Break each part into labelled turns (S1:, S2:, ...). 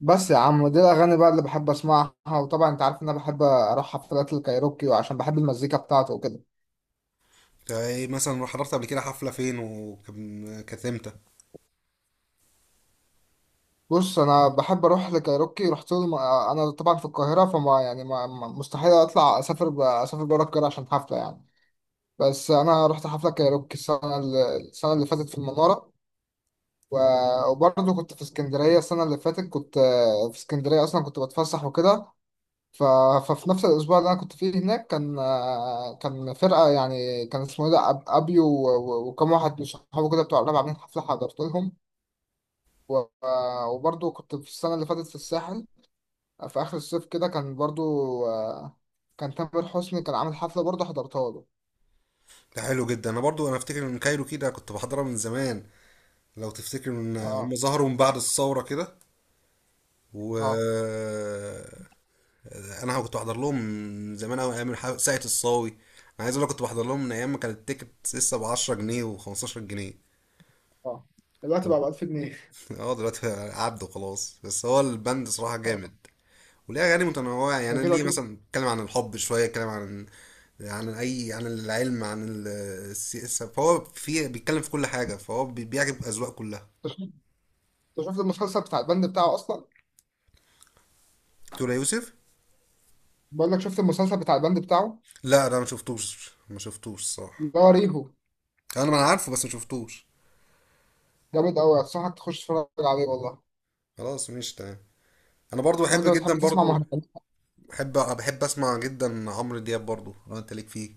S1: بس يا عم دي الأغاني بقى اللي بحب أسمعها وطبعا أنت عارف إن أنا بحب أروح حفلات الكايروكي وعشان بحب المزيكا بتاعته وكده.
S2: يعني مثلا راح حضرت قبل كده حفلة فين، وكان كانت امتى؟
S1: بص، أنا بحب أروح لكايروكي. أنا طبعا في القاهرة، فما يعني ما ما- مستحيل أطلع أسافر أسافر بره القاهرة عشان حفلة يعني. بس أنا رحت حفلة كايروكي السنة اللي فاتت في المنارة. وبرضه كنت في اسكندرية السنة اللي فاتت، كنت في اسكندرية أصلا كنت بتفسح وكده. ف... ففي نفس الأسبوع اللي أنا كنت فيه هناك كان كان فرقة، يعني كان اسمه إيه ده، أبيو وكم واحد من صحابه كده بتوع الراب عاملين حفلة حضرت لهم. و... آه، وبرضه كنت في السنة اللي فاتت في الساحل، في آخر الصيف كده كان برضه. آه، كان تامر حسني كان عامل حفلة برضه حضرتها له.
S2: ده حلو جدا. انا برضو افتكر ان كايرو كده كنت بحضرها من زمان. لو تفتكر ان هم
S1: اه،
S2: ظهروا من بعد الثورة كده.
S1: اه،
S2: و انا كنت بحضر لهم من زمان قوي، ايام ساقية الصاوي. انا عايز اقول لك كنت بحضر لهم من ايام ما كانت التيكت لسه ب 10 جنيه و15 جنيه.
S1: اه، دلوقتي بقى ب 1000 جنيه.
S2: اه دلوقتي عدوا خلاص. بس هو البند صراحة
S1: اه،
S2: جامد، وليه اغاني متنوعه. يعني
S1: ده
S2: انا
S1: كده
S2: ليه
S1: كده.
S2: مثلا اتكلم عن الحب شويه، اتكلم عن عن اي عن العلم، عن السياسه. فهو في بيتكلم في كل حاجه، فهو بيعجب اذواق كلها.
S1: انت شفت أنت شفت المسلسل بتاع البند بتاعه أصلا؟
S2: دكتور يوسف.
S1: بقول لك، شفت المسلسل بتاع البند بتاعه؟
S2: لا ده ما شفتوش، ما شفتوش الصراحه.
S1: اللي هو ريهو.
S2: انا ما انا عارفه بس ما شفتوش.
S1: جامد أوي، أنصحك تخش تتفرج عليه والله.
S2: خلاص ماشي تمام. انا برضو
S1: هو
S2: بحب
S1: انت بتحب
S2: جدا
S1: تسمع
S2: برضو.
S1: مهرجانات؟
S2: بحب، بحب اسمع جدا عمرو دياب برضو لو انت ليك فيه.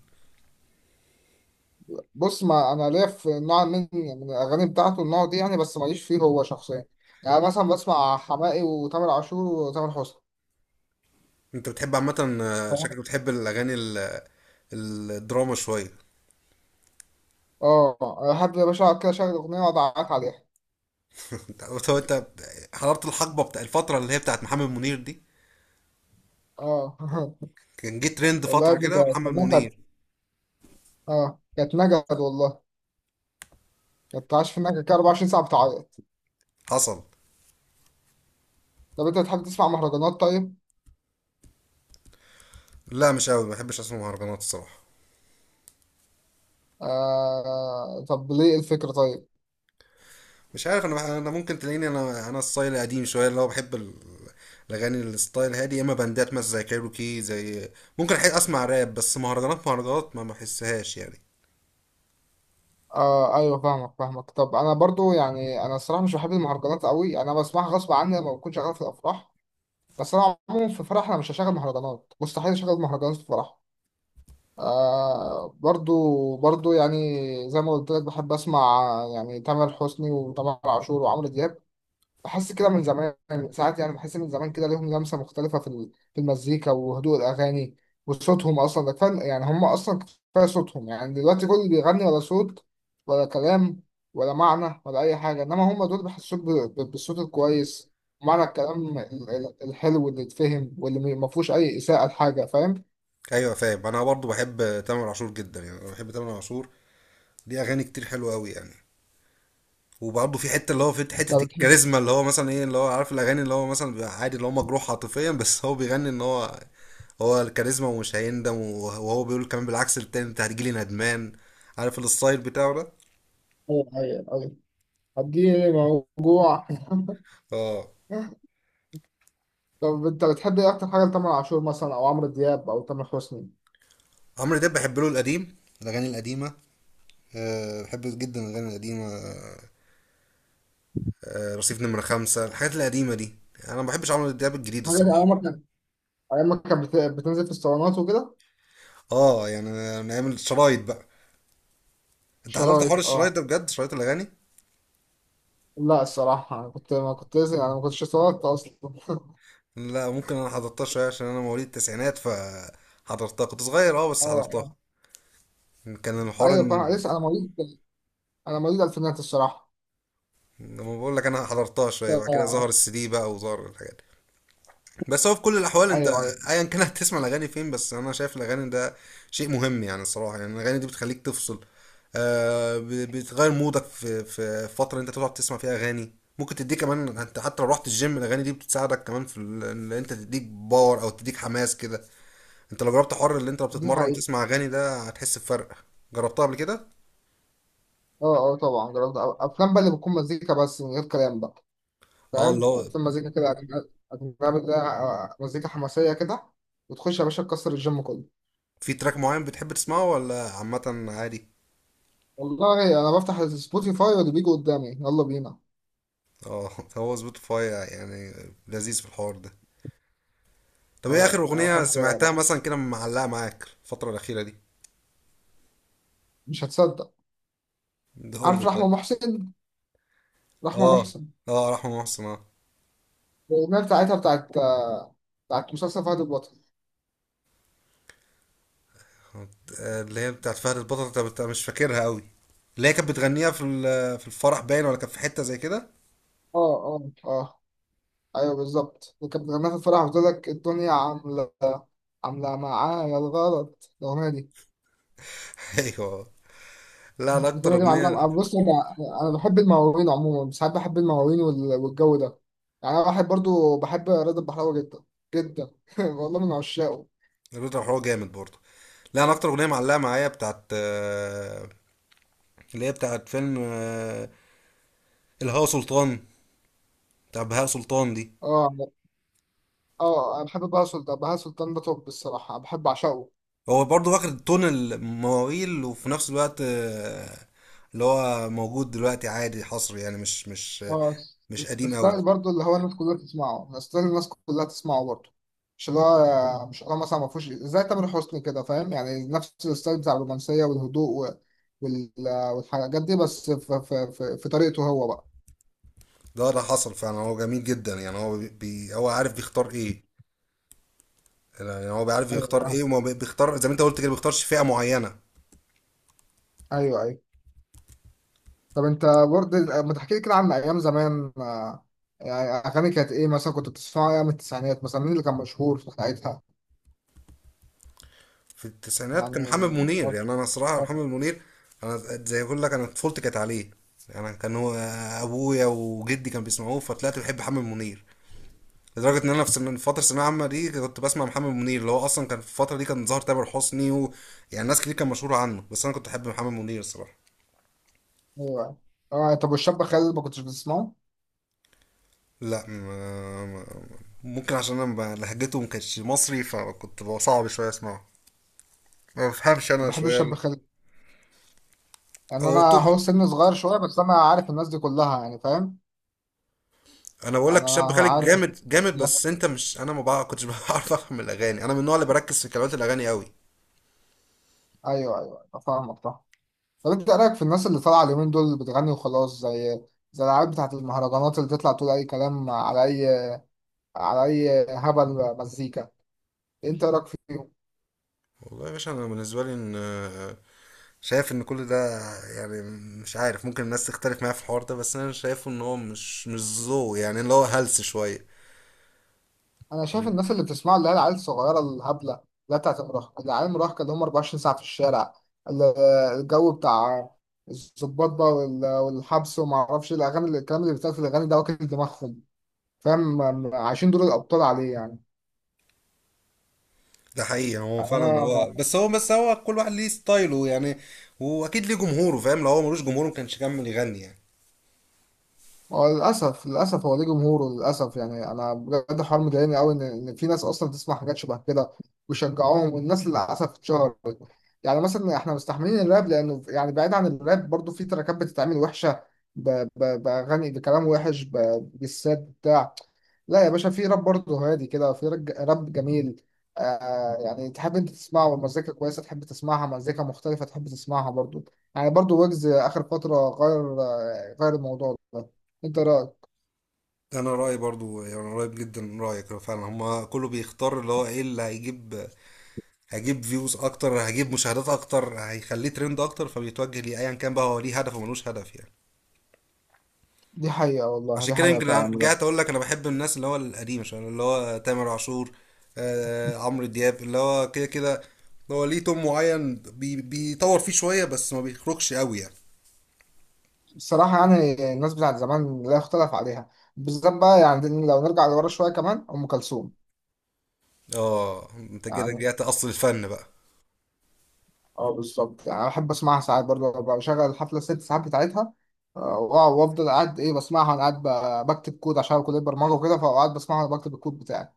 S1: بص، ما انا ليا في نوع من الاغاني بتاعته، النوع دي يعني، بس ماليش فيه هو شخصيا. يعني مثلا بسمع حماقي وتامر عاشور وتامر حسني،
S2: انت بتحب عامه، شكلك
S1: فاهم؟
S2: بتحب الاغاني الدراما شويه.
S1: اه، احب يا باشا اقعد كده اشغل اغنيه واقعد اعيط عليها.
S2: انت أنت أنت حضرت الحقبه بتاع الفتره اللي هي بتاعت محمد منير دي.
S1: اه.
S2: كان جه ترند
S1: والله يا
S2: فترة
S1: ابني
S2: كده
S1: كانت
S2: محمد
S1: كانت نكد.
S2: منير.
S1: اه، كانت نكد والله. كانت عايش في النكد كده 24 ساعه بتعيط.
S2: حصل.
S1: طب انت بتحب تسمع مهرجانات طيب؟
S2: لا مش قوي، ما بحبش اسمع مهرجانات الصراحة.
S1: آه طب ليه الفكره طيب؟
S2: مش عارف، انا انا ممكن تلاقيني انا ستايل قديم شوية، اللي هو بحب الاغاني الستايل هادي، يا اما باندات مثلا زي كايروكي زي. ممكن احب اسمع راب، بس مهرجانات، مهرجانات ما بحسهاش يعني.
S1: اه، ايوه، فاهمك فاهمك. طب انا برضو يعني، انا الصراحه مش بحب المهرجانات قوي، انا بسمعها غصب عني لما بكون شغال في الافراح. بس انا عموما في فرح، انا مش هشغل مهرجانات، مستحيل اشغل مهرجانات في فرح. آه، برضو برضو، يعني زي ما قلت لك بحب اسمع يعني تامر حسني وتامر عاشور وعمرو دياب. بحس كده من زمان، ساعات يعني بحس من زمان كده ليهم لمسة مختلفة في في المزيكا وهدوء الأغاني. وصوتهم أصلا ده كفاية، يعني هم أصلا كفاية صوتهم. يعني دلوقتي كل اللي بيغني ولا صوت، ولا كلام، ولا معنى، ولا أي حاجة، إنما هم دول بيحسوك بالصوت الكويس ومعنى الكلام الحلو اللي يتفهم واللي ما فيهوش أي إساءة لحاجة، فاهم؟
S2: ايوه فاهم. انا برضو بحب تامر عاشور جدا. يعني انا بحب تامر عاشور، ليه اغاني كتير حلوه قوي يعني. وبرضه في حته،
S1: طب بتحب.
S2: الكاريزما، اللي هو مثلا ايه، اللي هو عارف الاغاني اللي هو مثلا بيبقى عادي، اللي هو مجروح عاطفيا بس هو بيغني ان هو الكاريزما ومش هيندم، وهو بيقول كمان بالعكس التاني انت هتجيلي ندمان. عارف الستايل بتاعه ده.
S1: أيوه أيوه أيوه، اديني موجوع.
S2: اه.
S1: طب أنت بتحب إيه أكتر حاجة لتامر عاشور مثلا أو عمرو دياب أو تامر حسني؟
S2: عمرو دياب بحب له القديم، الاغاني القديمه. أه بحب جدا الاغاني القديمه. أه رصيف نمره خمسة، الحاجات القديمه دي. انا ما بحبش عمرو دياب الجديد
S1: حاجة
S2: الصراحه.
S1: عمرك، ايام ما بتنزل في الصالونات وكده.
S2: اه يعني. من ايام الشرايط بقى. انت حضرت
S1: شرايط،
S2: حوار الشرايط
S1: اه.
S2: ده بجد، شرايط الاغاني.
S1: لا الصراحه، أنا كنت ما كنت لازم انا ما كنتش صالونات اصلا.
S2: لا ممكن، انا حضرتها شويه عشان انا مواليد التسعينات، ف حضرتها كنت صغير، اه بس
S1: اه،
S2: حضرتها.
S1: اه،
S2: كان الحوار
S1: ايوه فاهم.
S2: ان
S1: لسه انا مواليد، انا مواليد الفينات الصراحه.
S2: لما بقول لك انا حضرتها شويه، بعد كده ظهر
S1: ف-
S2: السي دي بقى وظهر الحاجات. بس هو في كل الاحوال انت
S1: ايوه ايوه.
S2: ايا كان هتسمع الاغاني فين. بس انا شايف الاغاني ده شيء مهم يعني، الصراحه يعني الاغاني دي بتخليك تفصل. آه، بتغير مودك في، فتره انت تقعد تسمع فيها اغاني ممكن تديك كمان. انت حتى لو رحت الجيم، الاغاني دي بتساعدك كمان في ان انت تديك باور او تديك حماس كده. انت لو جربت حر اللي انت
S1: دي
S2: بتتمرن
S1: حقيقة.
S2: وتسمع اغاني ده هتحس بفرق. جربتها قبل كده.
S1: اه، اه طبعا جربت، افلام بقى اللي بتكون مزيكا بس من غير كلام بقى،
S2: اه اللي
S1: فاهم؟
S2: هو.
S1: افلام مزيكا كده، أجنبي أجنبي. ده مزيكا حماسية كده، وتخش يا باشا تكسر الجيم كله.
S2: في تراك معين بتحب تسمعه ولا عامه عادي؟
S1: والله انا بفتح سبوتيفاي واللي بيجي قدامي يلا بينا.
S2: اه هو سبوتيفاي يعني لذيذ في الحوار ده. طب ايه اخر
S1: اه، انا
S2: اغنية
S1: بحب،
S2: سمعتها
S1: بحب-
S2: مثلا كده معلقة معاك الفترة الأخيرة دي؟
S1: مش هتصدق.
S2: ده قول
S1: عارف
S2: لي
S1: رحمة
S2: طيب.
S1: محسن؟ رحمة
S2: اه.
S1: محسن
S2: اه رحمة محسن اه.
S1: الأغنية بتاعتها بتاعت بتاعت مسلسل فهد البطل.
S2: اللي هي بتاعت فهد البطل. انت مش فاكرها قوي؟ اللي هي كانت بتغنيها في في الفرح، باين، ولا كانت في حتة زي كده.
S1: اه، اه، اه ايوه بالظبط، اللي كانت بتغنيها في الفرح وتقول لك الدنيا عاملة عاملة معايا الغلط، الأغنية دي.
S2: ايوه. لا انا اكتر
S1: الأغنية دي
S2: اغنية.
S1: معلمة. بص أنا، أنا بحب المواويل عموما. ساعات بحب المواويل والجو ده. يعني أنا واحد برضو بحب رضا البحراوي جدا جدا. والله من عشاقه.
S2: الراجل هو جامد برضه. لا انا اكتر اغنية معلقة معايا بتاعت، اللي هي بتاعت فيلم، الهوا سلطان، بتاع بهاء سلطان دي.
S1: اه، اه أنا بحب بهاء سلطان. بهاء سلطان ده توب الصراحة، بحب أعشقه.
S2: هو برضه واخد تون المواويل، وفي نفس الوقت اللي هو موجود دلوقتي عادي حصري، يعني
S1: اه،
S2: مش قديم قوي.
S1: ستايل برضه اللي هو الناس كلها تسمعه، ستايل الناس كلها تسمعه برضه. مش اللي هو مثلا ما فيهوش زي تامر حسني كده، فاهم؟ يعني نفس الستايل بتاع الرومانسية والهدوء وال... والحاجات دي، بس في طريقته هو بقى.
S2: ده حصل فعلا. هو جميل جدا يعني. هو هو عارف بيختار ايه. يعني هو بيعرف
S1: ايوه
S2: يختار
S1: فاهم،
S2: ايه، بيختار زي ما انت قلت كده، بيختارش فئة معينة.
S1: ايوه ايوه. طب انت برضه ما تحكي لي كده عن ايام زمان، يعني اغاني كانت ايه مثلا كنت بتسمعها ايام التسعينات، مثلا مين اللي كان مشهور في ساعتها
S2: في التسعينات كان محمد
S1: يعني؟
S2: منير. يعني انا صراحة محمد منير، انا زي ما اقول لك انا طفولتي كانت عليه. يعني كان هو ابويا وجدي كان بيسمعوه، فطلعت بحب محمد منير. لدرجه ان انا في من فتره الثانويه العامه دي كنت بسمع محمد منير، اللي هو اصلا كان في الفتره دي كان ظاهر تامر حسني، و... يعني ناس كتير كان مشهوره عنه، بس انا كنت احب محمد منير الصراحه.
S1: ايوه، اه طب والشاب خالد ما كنتش بتسمعه؟
S2: لا ما... ما... ممكن عشان انا لهجته ما كانتش مصري، فكنت بقى صعب شويه اسمعه. ما بفهمش انا
S1: بحب
S2: شويه
S1: الشاب خالد يعني.
S2: هو
S1: انا
S2: طول.
S1: هو سن صغير شويه، بس انا عارف الناس دي كلها يعني، فاهم
S2: انا بقول
S1: يعني؟
S2: لك شاب
S1: انا
S2: خالد
S1: عارف انت.
S2: جامد جامد، بس انت مش، انا ما بقى كنتش بعرف افهم الاغاني. انا من النوع اللي بركز في كلمات الاغاني قوي.
S1: ايوه ايوه أيوة، فاهمك فاهم. طب انت إيه رايك في الناس اللي طالعه اليومين دول بتغني وخلاص، زي زي العيال بتاعت المهرجانات، اللي تطلع تقول اي كلام على اي، على اي هبل مزيكا؟ انت إيه رايك فيهم؟
S2: والله يا باشا انا بالنسبه لي ان شايف ان كل ده يعني. مش عارف، ممكن الناس تختلف معايا في الحوار ده، بس انا شايفه ان هو مش ذوق يعني، اللي هو هلس شويه.
S1: انا شايف الناس اللي بتسمعوا، اللي هي العيال الصغيره الهبله، اللي هي بتاعت المراهقه، العيال المراهقه اللي هم 24 ساعه في الشارع، ال- الجو بتاع الظباط بقى والحبس وما اعرفش إيه، الاغاني الكلام اللي بيتقال في الاغاني ده واكل دماغهم، فاهم؟ عايشين دور الابطال عليه يعني.
S2: ده حقيقي. هو
S1: يعني
S2: فعلا
S1: انا ما...
S2: هو بس، هو بس، هو كل واحد ليه ستايله يعني، واكيد ليه جمهوره. فاهم؟ لو هو ملوش جمهور ما كانش كمل يغني يعني.
S1: هو للاسف، للاسف هو ليه جمهوره للاسف. يعني انا بجد حوار مضايقني قوي، ان إن في ناس اصلا تسمع حاجات شبه كده ويشجعوهم، والناس للاسف اتشهرت. يعني مثلا احنا مستحملين الراب لانه يعني، بعيد عن الراب برضو في تراكات بتتعمل وحشه، ب... باغاني بكلام وحش، بالسات بتاع. لا يا باشا، في راب برضه هادي كده، في راب جميل، آه، يعني تحب انت تسمعه والمزيكا كويسه، تحب تسمعها مزيكا مختلفه تحب تسمعها برضه، يعني برضه ويجز اخر فتره غير غير الموضوع ده. انت رايك؟
S2: انا رايي برضو يعني قريب جدا من رايك. هو فعلا هما كله بيختار اللي هو ايه اللي هيجيب. هيجيب فيوز اكتر، هيجيب مشاهدات اكتر، هيخليه ترند اكتر، فبيتوجه ليه، ايا كان بقى هو ليه هدف وملوش هدف يعني.
S1: دي حقيقه والله،
S2: عشان
S1: دي
S2: كده
S1: حقيقه
S2: يمكن
S1: فعلا بجد.
S2: رجعت اقول لك انا بحب الناس اللي هو القديمه شويه، اللي هو تامر عاشور، آه عمرو دياب، اللي هو كده كده هو ليه توم معين بيطور فيه شويه، بس ما بيخرجش قوي يعني.
S1: الصراحه يعني، الناس بتاعت زمان لا يختلف عليها، بالذات بقى يعني لو نرجع لورا شويه كمان ام كلثوم.
S2: اه انت كده
S1: يعني
S2: رجعت اصل الفن بقى.
S1: اه بالظبط، يعني احب اسمعها ساعات برضه. ببقى بشغل الحفله الست ساعات بتاعتها، آه، وافضل قاعد ايه بسمعها وانا قاعد بكتب كود عشان كليه برمجه وكده، فقعد بسمعها وانا بكتب الكود بتاعي.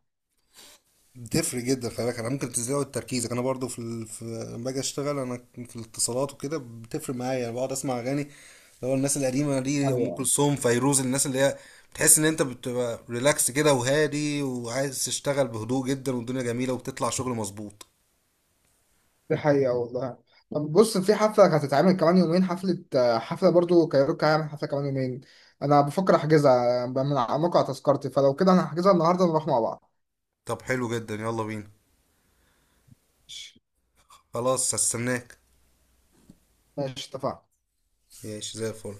S2: بتفرق جدا، خلي بالك انا ممكن تزود تركيزك. انا برضو في في لما باجي اشتغل انا في الاتصالات وكده بتفرق معايا. انا بقعد اسمع اغاني، اللي هو الناس القديمه دي، ام
S1: ايوه.
S2: كلثوم، فيروز، الناس اللي هي بتحس ان انت بتبقى ريلاكس كده وهادي، وعايز تشتغل بهدوء جدا، والدنيا جميله وبتطلع شغل مظبوط.
S1: دي حقيقة والله. طب بص، في حفلة كانت هتتعمل كمان يومين، حفلة حفلة برضو كايروكا هيعمل حفلة كمان يومين. أنا بفكر أحجزها، من على موقع تذكرتي، فلو كده أنا هحجزها النهاردة نروح مع بعض.
S2: طب حلو جدا، يلا بينا.
S1: ماشي.
S2: خلاص هستناك.
S1: ماشي، اتفقنا.
S2: ماشي زي الفل.